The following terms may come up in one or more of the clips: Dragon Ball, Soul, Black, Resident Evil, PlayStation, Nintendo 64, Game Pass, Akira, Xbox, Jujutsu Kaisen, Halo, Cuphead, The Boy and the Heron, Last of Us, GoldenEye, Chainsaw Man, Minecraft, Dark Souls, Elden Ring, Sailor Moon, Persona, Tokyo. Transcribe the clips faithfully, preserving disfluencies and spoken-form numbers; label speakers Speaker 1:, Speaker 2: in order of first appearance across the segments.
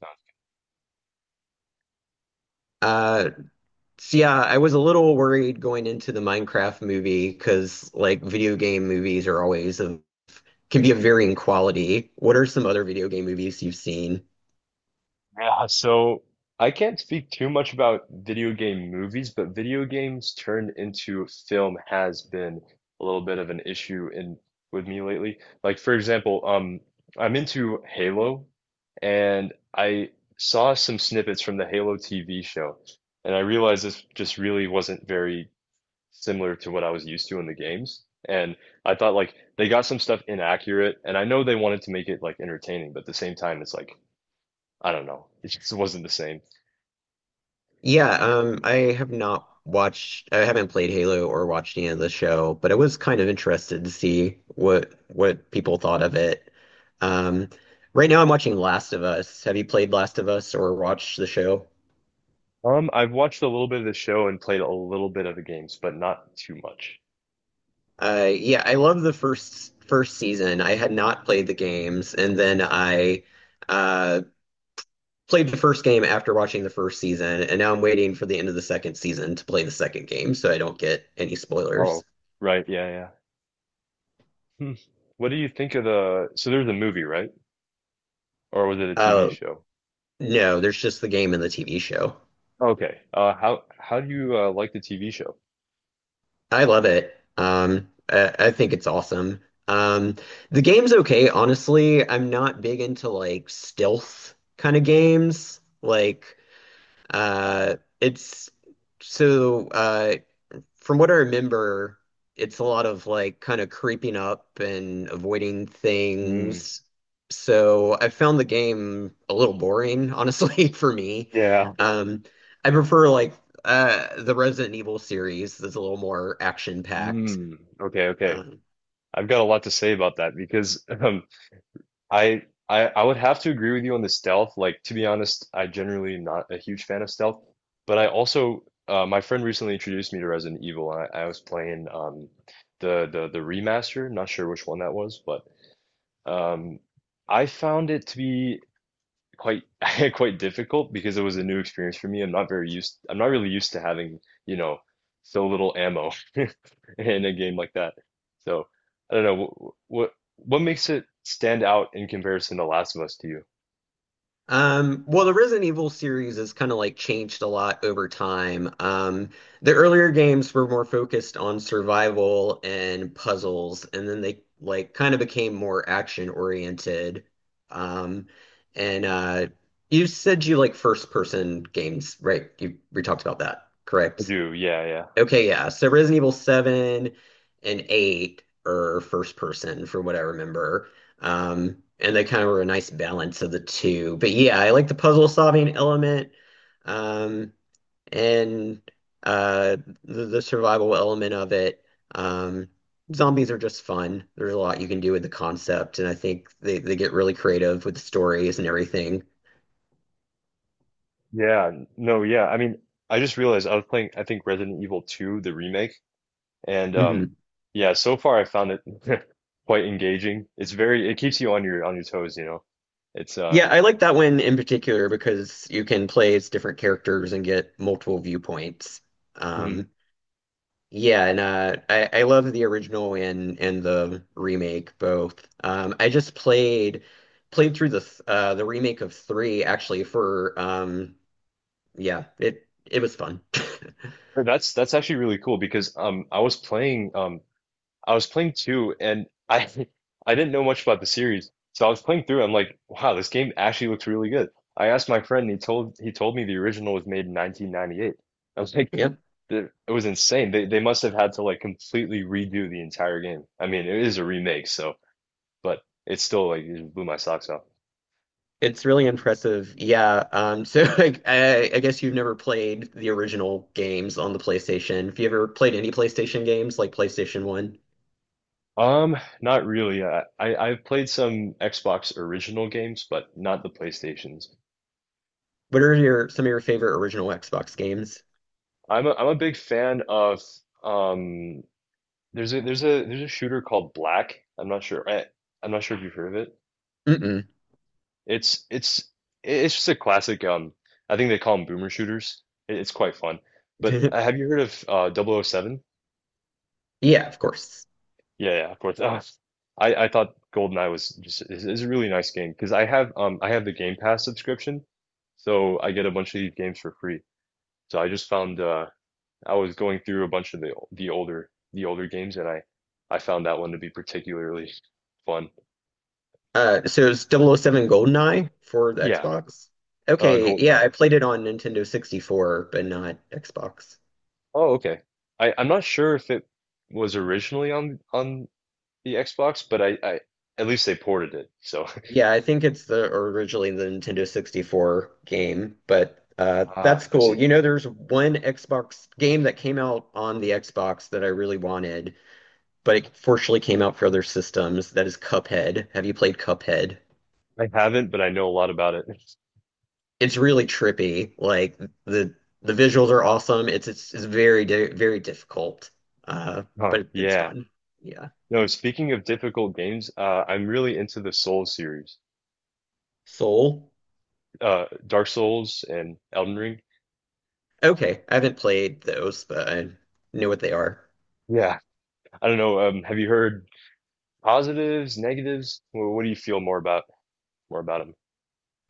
Speaker 1: Sounds-
Speaker 2: Uh, so yeah, I was a little worried going into the Minecraft movie because like video game movies are always a can be of varying quality. What are some other video game movies you've seen?
Speaker 1: Yeah, so I can't speak too much about video game movies, but video games turned into film has been a little bit of an issue in with me lately. Like for example, um, I'm into Halo, and I saw some snippets from the Halo T V show, and I realized this just really wasn't very similar to what I was used to in the games. And I thought like they got some stuff inaccurate, and I know they wanted to make it like entertaining, but at the same time, it's like I don't know. It just wasn't the same.
Speaker 2: Yeah, um, I have not watched, I haven't played Halo or watched any of the show, but I was kind of interested to see what what people thought of it. Um, right now I'm watching Last of Us. Have you played Last of Us or watched the show?
Speaker 1: Um, I've watched a little bit of the show and played a little bit of the games, but not too much.
Speaker 2: Uh, yeah, I love the first first season. I had not played the games, and then I uh, played the first game after watching the first season, and now I'm waiting for the end of the second season to play the second game, so I don't get any
Speaker 1: Oh,
Speaker 2: spoilers.
Speaker 1: right, yeah, yeah. Hmm. What do you think of the, So there's a movie, right? Or was it a T V
Speaker 2: Uh,
Speaker 1: show?
Speaker 2: no, there's just the game and the T V show.
Speaker 1: Okay. Uh, how how do you uh, like the T V show?
Speaker 2: I love it. Um, I, I think it's awesome. Um, the game's okay, honestly. I'm not big into like stealth kind of games. Like, uh, it's. So, uh, from what I remember, it's a lot of like kind of creeping up and avoiding
Speaker 1: Hmm.
Speaker 2: things. So I found the game a little boring, honestly, for me.
Speaker 1: Yeah.
Speaker 2: Um, I prefer like uh, the Resident Evil series that's a little more action packed.
Speaker 1: Hmm. Okay, okay. I've got a lot to say about that because um, I I I would have to agree with you on the stealth. Like to be honest, I generally am not a huge fan of stealth, but I also uh, my friend recently introduced me to Resident Evil, and I, I was playing um the the the remaster. Not sure which one that was, but um I found it to be quite quite difficult because it was a new experience for me. I'm not very used, I'm not really used to having, you know, so little ammo in a game like that. So I don't know what what makes it stand out in comparison to Last of Us to you?
Speaker 2: Um, well, the Resident Evil series has kind of like changed a lot over time. Um, the earlier games were more focused on survival and puzzles, and then they like kind of became more action oriented. Um, and uh, You said you like first person games, right? You we talked about that,
Speaker 1: I
Speaker 2: correct?
Speaker 1: do, yeah, yeah.
Speaker 2: Okay, yeah. So Resident Evil seven and eight are first person from what I remember. Um, and they kind of were a nice balance of the two. But yeah, I like the puzzle solving element, um, and uh, the, the survival element of it. Um, zombies are just fun. There's a lot you can do with the concept, and I think they, they get really creative with the stories and everything.
Speaker 1: Yeah, n- no, yeah. I mean, I just realized I was playing, I think Resident Evil two, the remake, and um yeah, so far I found it quite engaging. It's very it keeps you on your on your toes, you know. It's uh
Speaker 2: Yeah, I like that one in particular because you can play as different characters and get multiple viewpoints. Um, yeah, and uh, I, I love the original and and the remake both. Um, I just played played through the th- uh, the remake of three actually for um, yeah it it was fun.
Speaker 1: No, That's that's actually really cool because um I was playing um I was playing two, and I I didn't know much about the series. So I was playing through, I'm like, wow, this game actually looks really good. I asked my friend, and he told he told me the original was made in nineteen ninety-eight. I was like,
Speaker 2: Yep,
Speaker 1: "Th- It was insane. They they must have had to like completely redo the entire game. I mean, it is a remake, so but it's still like it just blew my socks off.
Speaker 2: it's really impressive. Yeah, um, so like, I I guess you've never played the original games on the PlayStation. Have you ever played any PlayStation games like PlayStation One?
Speaker 1: Um, not really. I, I I've played some Xbox original games, but not the PlayStations.
Speaker 2: What are your some of your favorite original Xbox games?
Speaker 1: I'm a, I'm a big fan of um there's a there's a there's a shooter called Black. I'm not sure. I, I'm not sure if you've heard of it.
Speaker 2: Mm-mm.
Speaker 1: It's it's it's just a classic um I think they call them boomer shooters. It, it's quite fun. But uh, have you heard of uh double oh seven?
Speaker 2: Yeah, of course.
Speaker 1: Yeah, yeah, of course. Uh, I I thought GoldenEye was just is, is a really nice game because I have um I have the Game Pass subscription. So I get a bunch of these games for free. So I just found uh I was going through a bunch of the the older the older games, and I I found that one to be particularly fun.
Speaker 2: Uh, so it's double oh double oh seven GoldenEye for the
Speaker 1: Yeah,
Speaker 2: Xbox.
Speaker 1: uh,
Speaker 2: Okay, yeah,
Speaker 1: GoldenEye.
Speaker 2: I played it on Nintendo sixty-four, but not Xbox.
Speaker 1: Oh, okay. I I'm not sure if it was originally on on the Xbox, but I I at least they ported it. So
Speaker 2: Yeah, I think it's the or originally the Nintendo sixty-four game, but uh,
Speaker 1: ah,
Speaker 2: that's
Speaker 1: I
Speaker 2: cool.
Speaker 1: see.
Speaker 2: You know, there's one Xbox game that came out on the Xbox that I really wanted, but it fortunately came out for other systems. That is Cuphead. Have you played Cuphead?
Speaker 1: I haven't, but I know a lot about it.
Speaker 2: It's really trippy. Like the the visuals are awesome. It's it's, it's very di very difficult, uh,
Speaker 1: Huh,
Speaker 2: but it- it's
Speaker 1: yeah.
Speaker 2: fun. Yeah,
Speaker 1: No, speaking of difficult games, uh, I'm really into the Souls series,
Speaker 2: Soul.
Speaker 1: uh, Dark Souls and Elden Ring.
Speaker 2: Okay, I haven't played those, but I know what they are.
Speaker 1: Yeah. I don't know. Um, have you heard? Positives, negatives. Well, what do you feel more about more about them?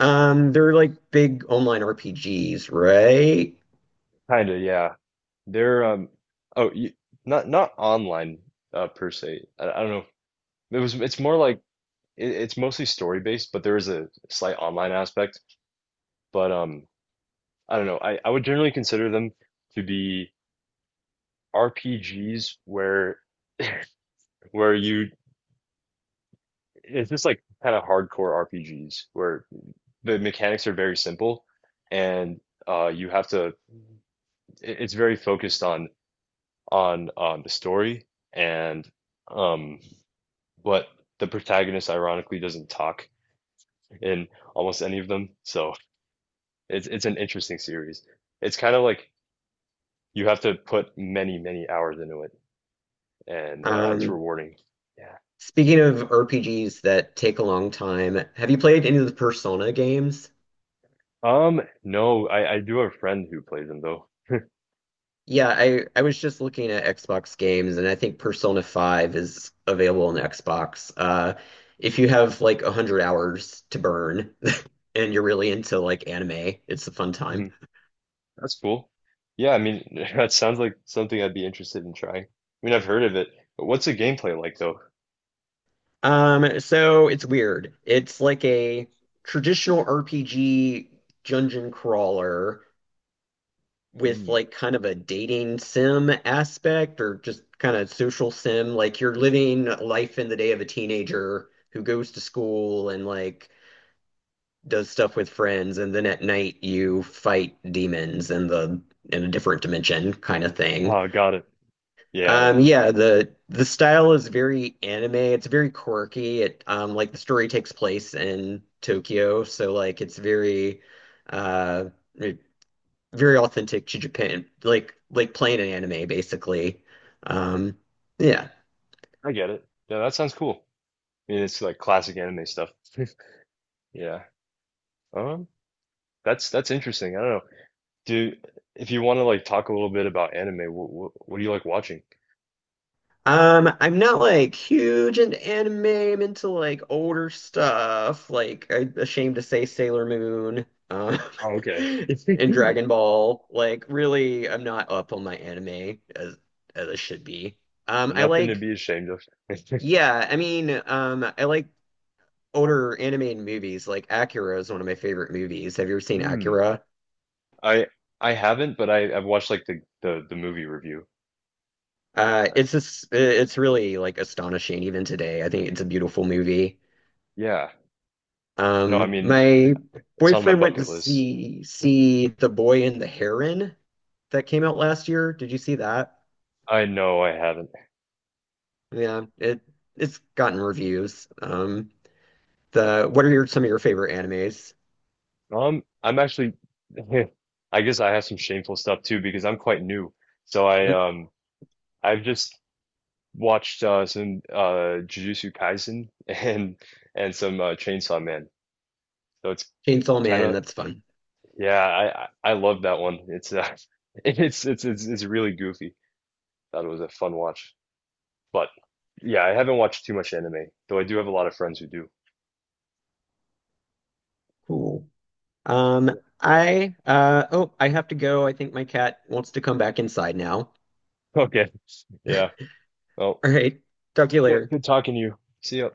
Speaker 2: Um, they're like big online R P Gs, right?
Speaker 1: Kind of, yeah. They're um oh, you, not not online uh per se. I, I don't know. It was it's more like it, it's mostly story based, but there is a slight online aspect. But um I don't know. I I would generally consider them to be R P Gs where where you, it's just like kind of hardcore R P Gs where the mechanics are very simple, and uh you have to, it- it's very focused on on um, the story, and um, but the protagonist ironically doesn't talk in almost any of them, so it's it's an interesting series. It's kind of like you have to put many, many hours into it, and uh, it's
Speaker 2: Um,
Speaker 1: rewarding. Yeah.
Speaker 2: Speaking of R P Gs that take a long time, have you played any of the Persona games?
Speaker 1: Um no, I I do have a friend who plays them, though.
Speaker 2: Yeah, I I was just looking at Xbox games, and I think Persona five is available on Xbox. Uh, if you have like one hundred hours to burn and you're really into like anime, it's a fun
Speaker 1: Hmm,
Speaker 2: time.
Speaker 1: that's cool. Yeah, I mean, that sounds like something I'd be interested in trying. I mean, I've heard of it, but what's the gameplay like, though?
Speaker 2: Um, so it's weird. It's like a traditional R P G dungeon crawler with
Speaker 1: Mm.
Speaker 2: like kind of a dating sim aspect or just kind of social sim. Like you're living life in the day of a teenager who goes to school and like does stuff with friends, and then at night you fight demons in the in a different dimension kind of thing.
Speaker 1: Oh, got it. Yeah, yeah.
Speaker 2: Um, yeah, the the style is very anime. It's very quirky. It um, Like the story takes place in Tokyo, so like it's very uh, it- very authentic to Japan, like like playing an anime basically. Um, yeah.
Speaker 1: I get it. Yeah, that sounds cool. It's like classic anime stuff. Yeah. Um, that's that's interesting. I don't know. Do If you want to like talk a little bit about anime, what what, what do you like watching?
Speaker 2: Um, I'm not like huge into anime. I'm into like older stuff, like I'm ashamed to say Sailor Moon, um,
Speaker 1: Oh, okay. It's
Speaker 2: and Dragon Ball. Like, really, I'm not up on my anime as as I should be. Um, I
Speaker 1: Nothing to
Speaker 2: like,
Speaker 1: be ashamed of.
Speaker 2: yeah, I mean, um, I like older animated movies. Like Akira is one of my favorite movies. Have you ever seen
Speaker 1: Hmm.
Speaker 2: Akira?
Speaker 1: I I haven't, but I I've watched like the the the movie review.
Speaker 2: Uh,
Speaker 1: Right.
Speaker 2: it's just, it's really like astonishing even today. I think it's a beautiful movie.
Speaker 1: Yeah. No, I
Speaker 2: Um,
Speaker 1: mean,
Speaker 2: my
Speaker 1: it's on my
Speaker 2: boyfriend went to
Speaker 1: bucket list.
Speaker 2: see see The Boy and the Heron that came out last year. Did you see that?
Speaker 1: I know I haven't.
Speaker 2: Yeah, it it's gotten reviews. Um, the What are your some of your favorite animes?
Speaker 1: Um, I'm actually. I guess I have some shameful stuff too because I'm quite new. So I
Speaker 2: Mhm.
Speaker 1: um I've just watched uh, some uh, Jujutsu Kaisen and and some uh, Chainsaw Man. So it's
Speaker 2: Chainsaw
Speaker 1: kind
Speaker 2: Man,
Speaker 1: of
Speaker 2: that's fun.
Speaker 1: Yeah, I I I love that one. It's uh, it's it's it's it's really goofy. Thought it was a fun watch, but yeah, I haven't watched too much anime, though I do have a lot of friends who do.
Speaker 2: Cool. Um.
Speaker 1: Yeah.
Speaker 2: I uh oh, I have to go. I think my cat wants to come back inside now.
Speaker 1: Okay. Yeah. Well,
Speaker 2: All right. Talk to you
Speaker 1: yeah.
Speaker 2: later.
Speaker 1: Good talking to you. See ya.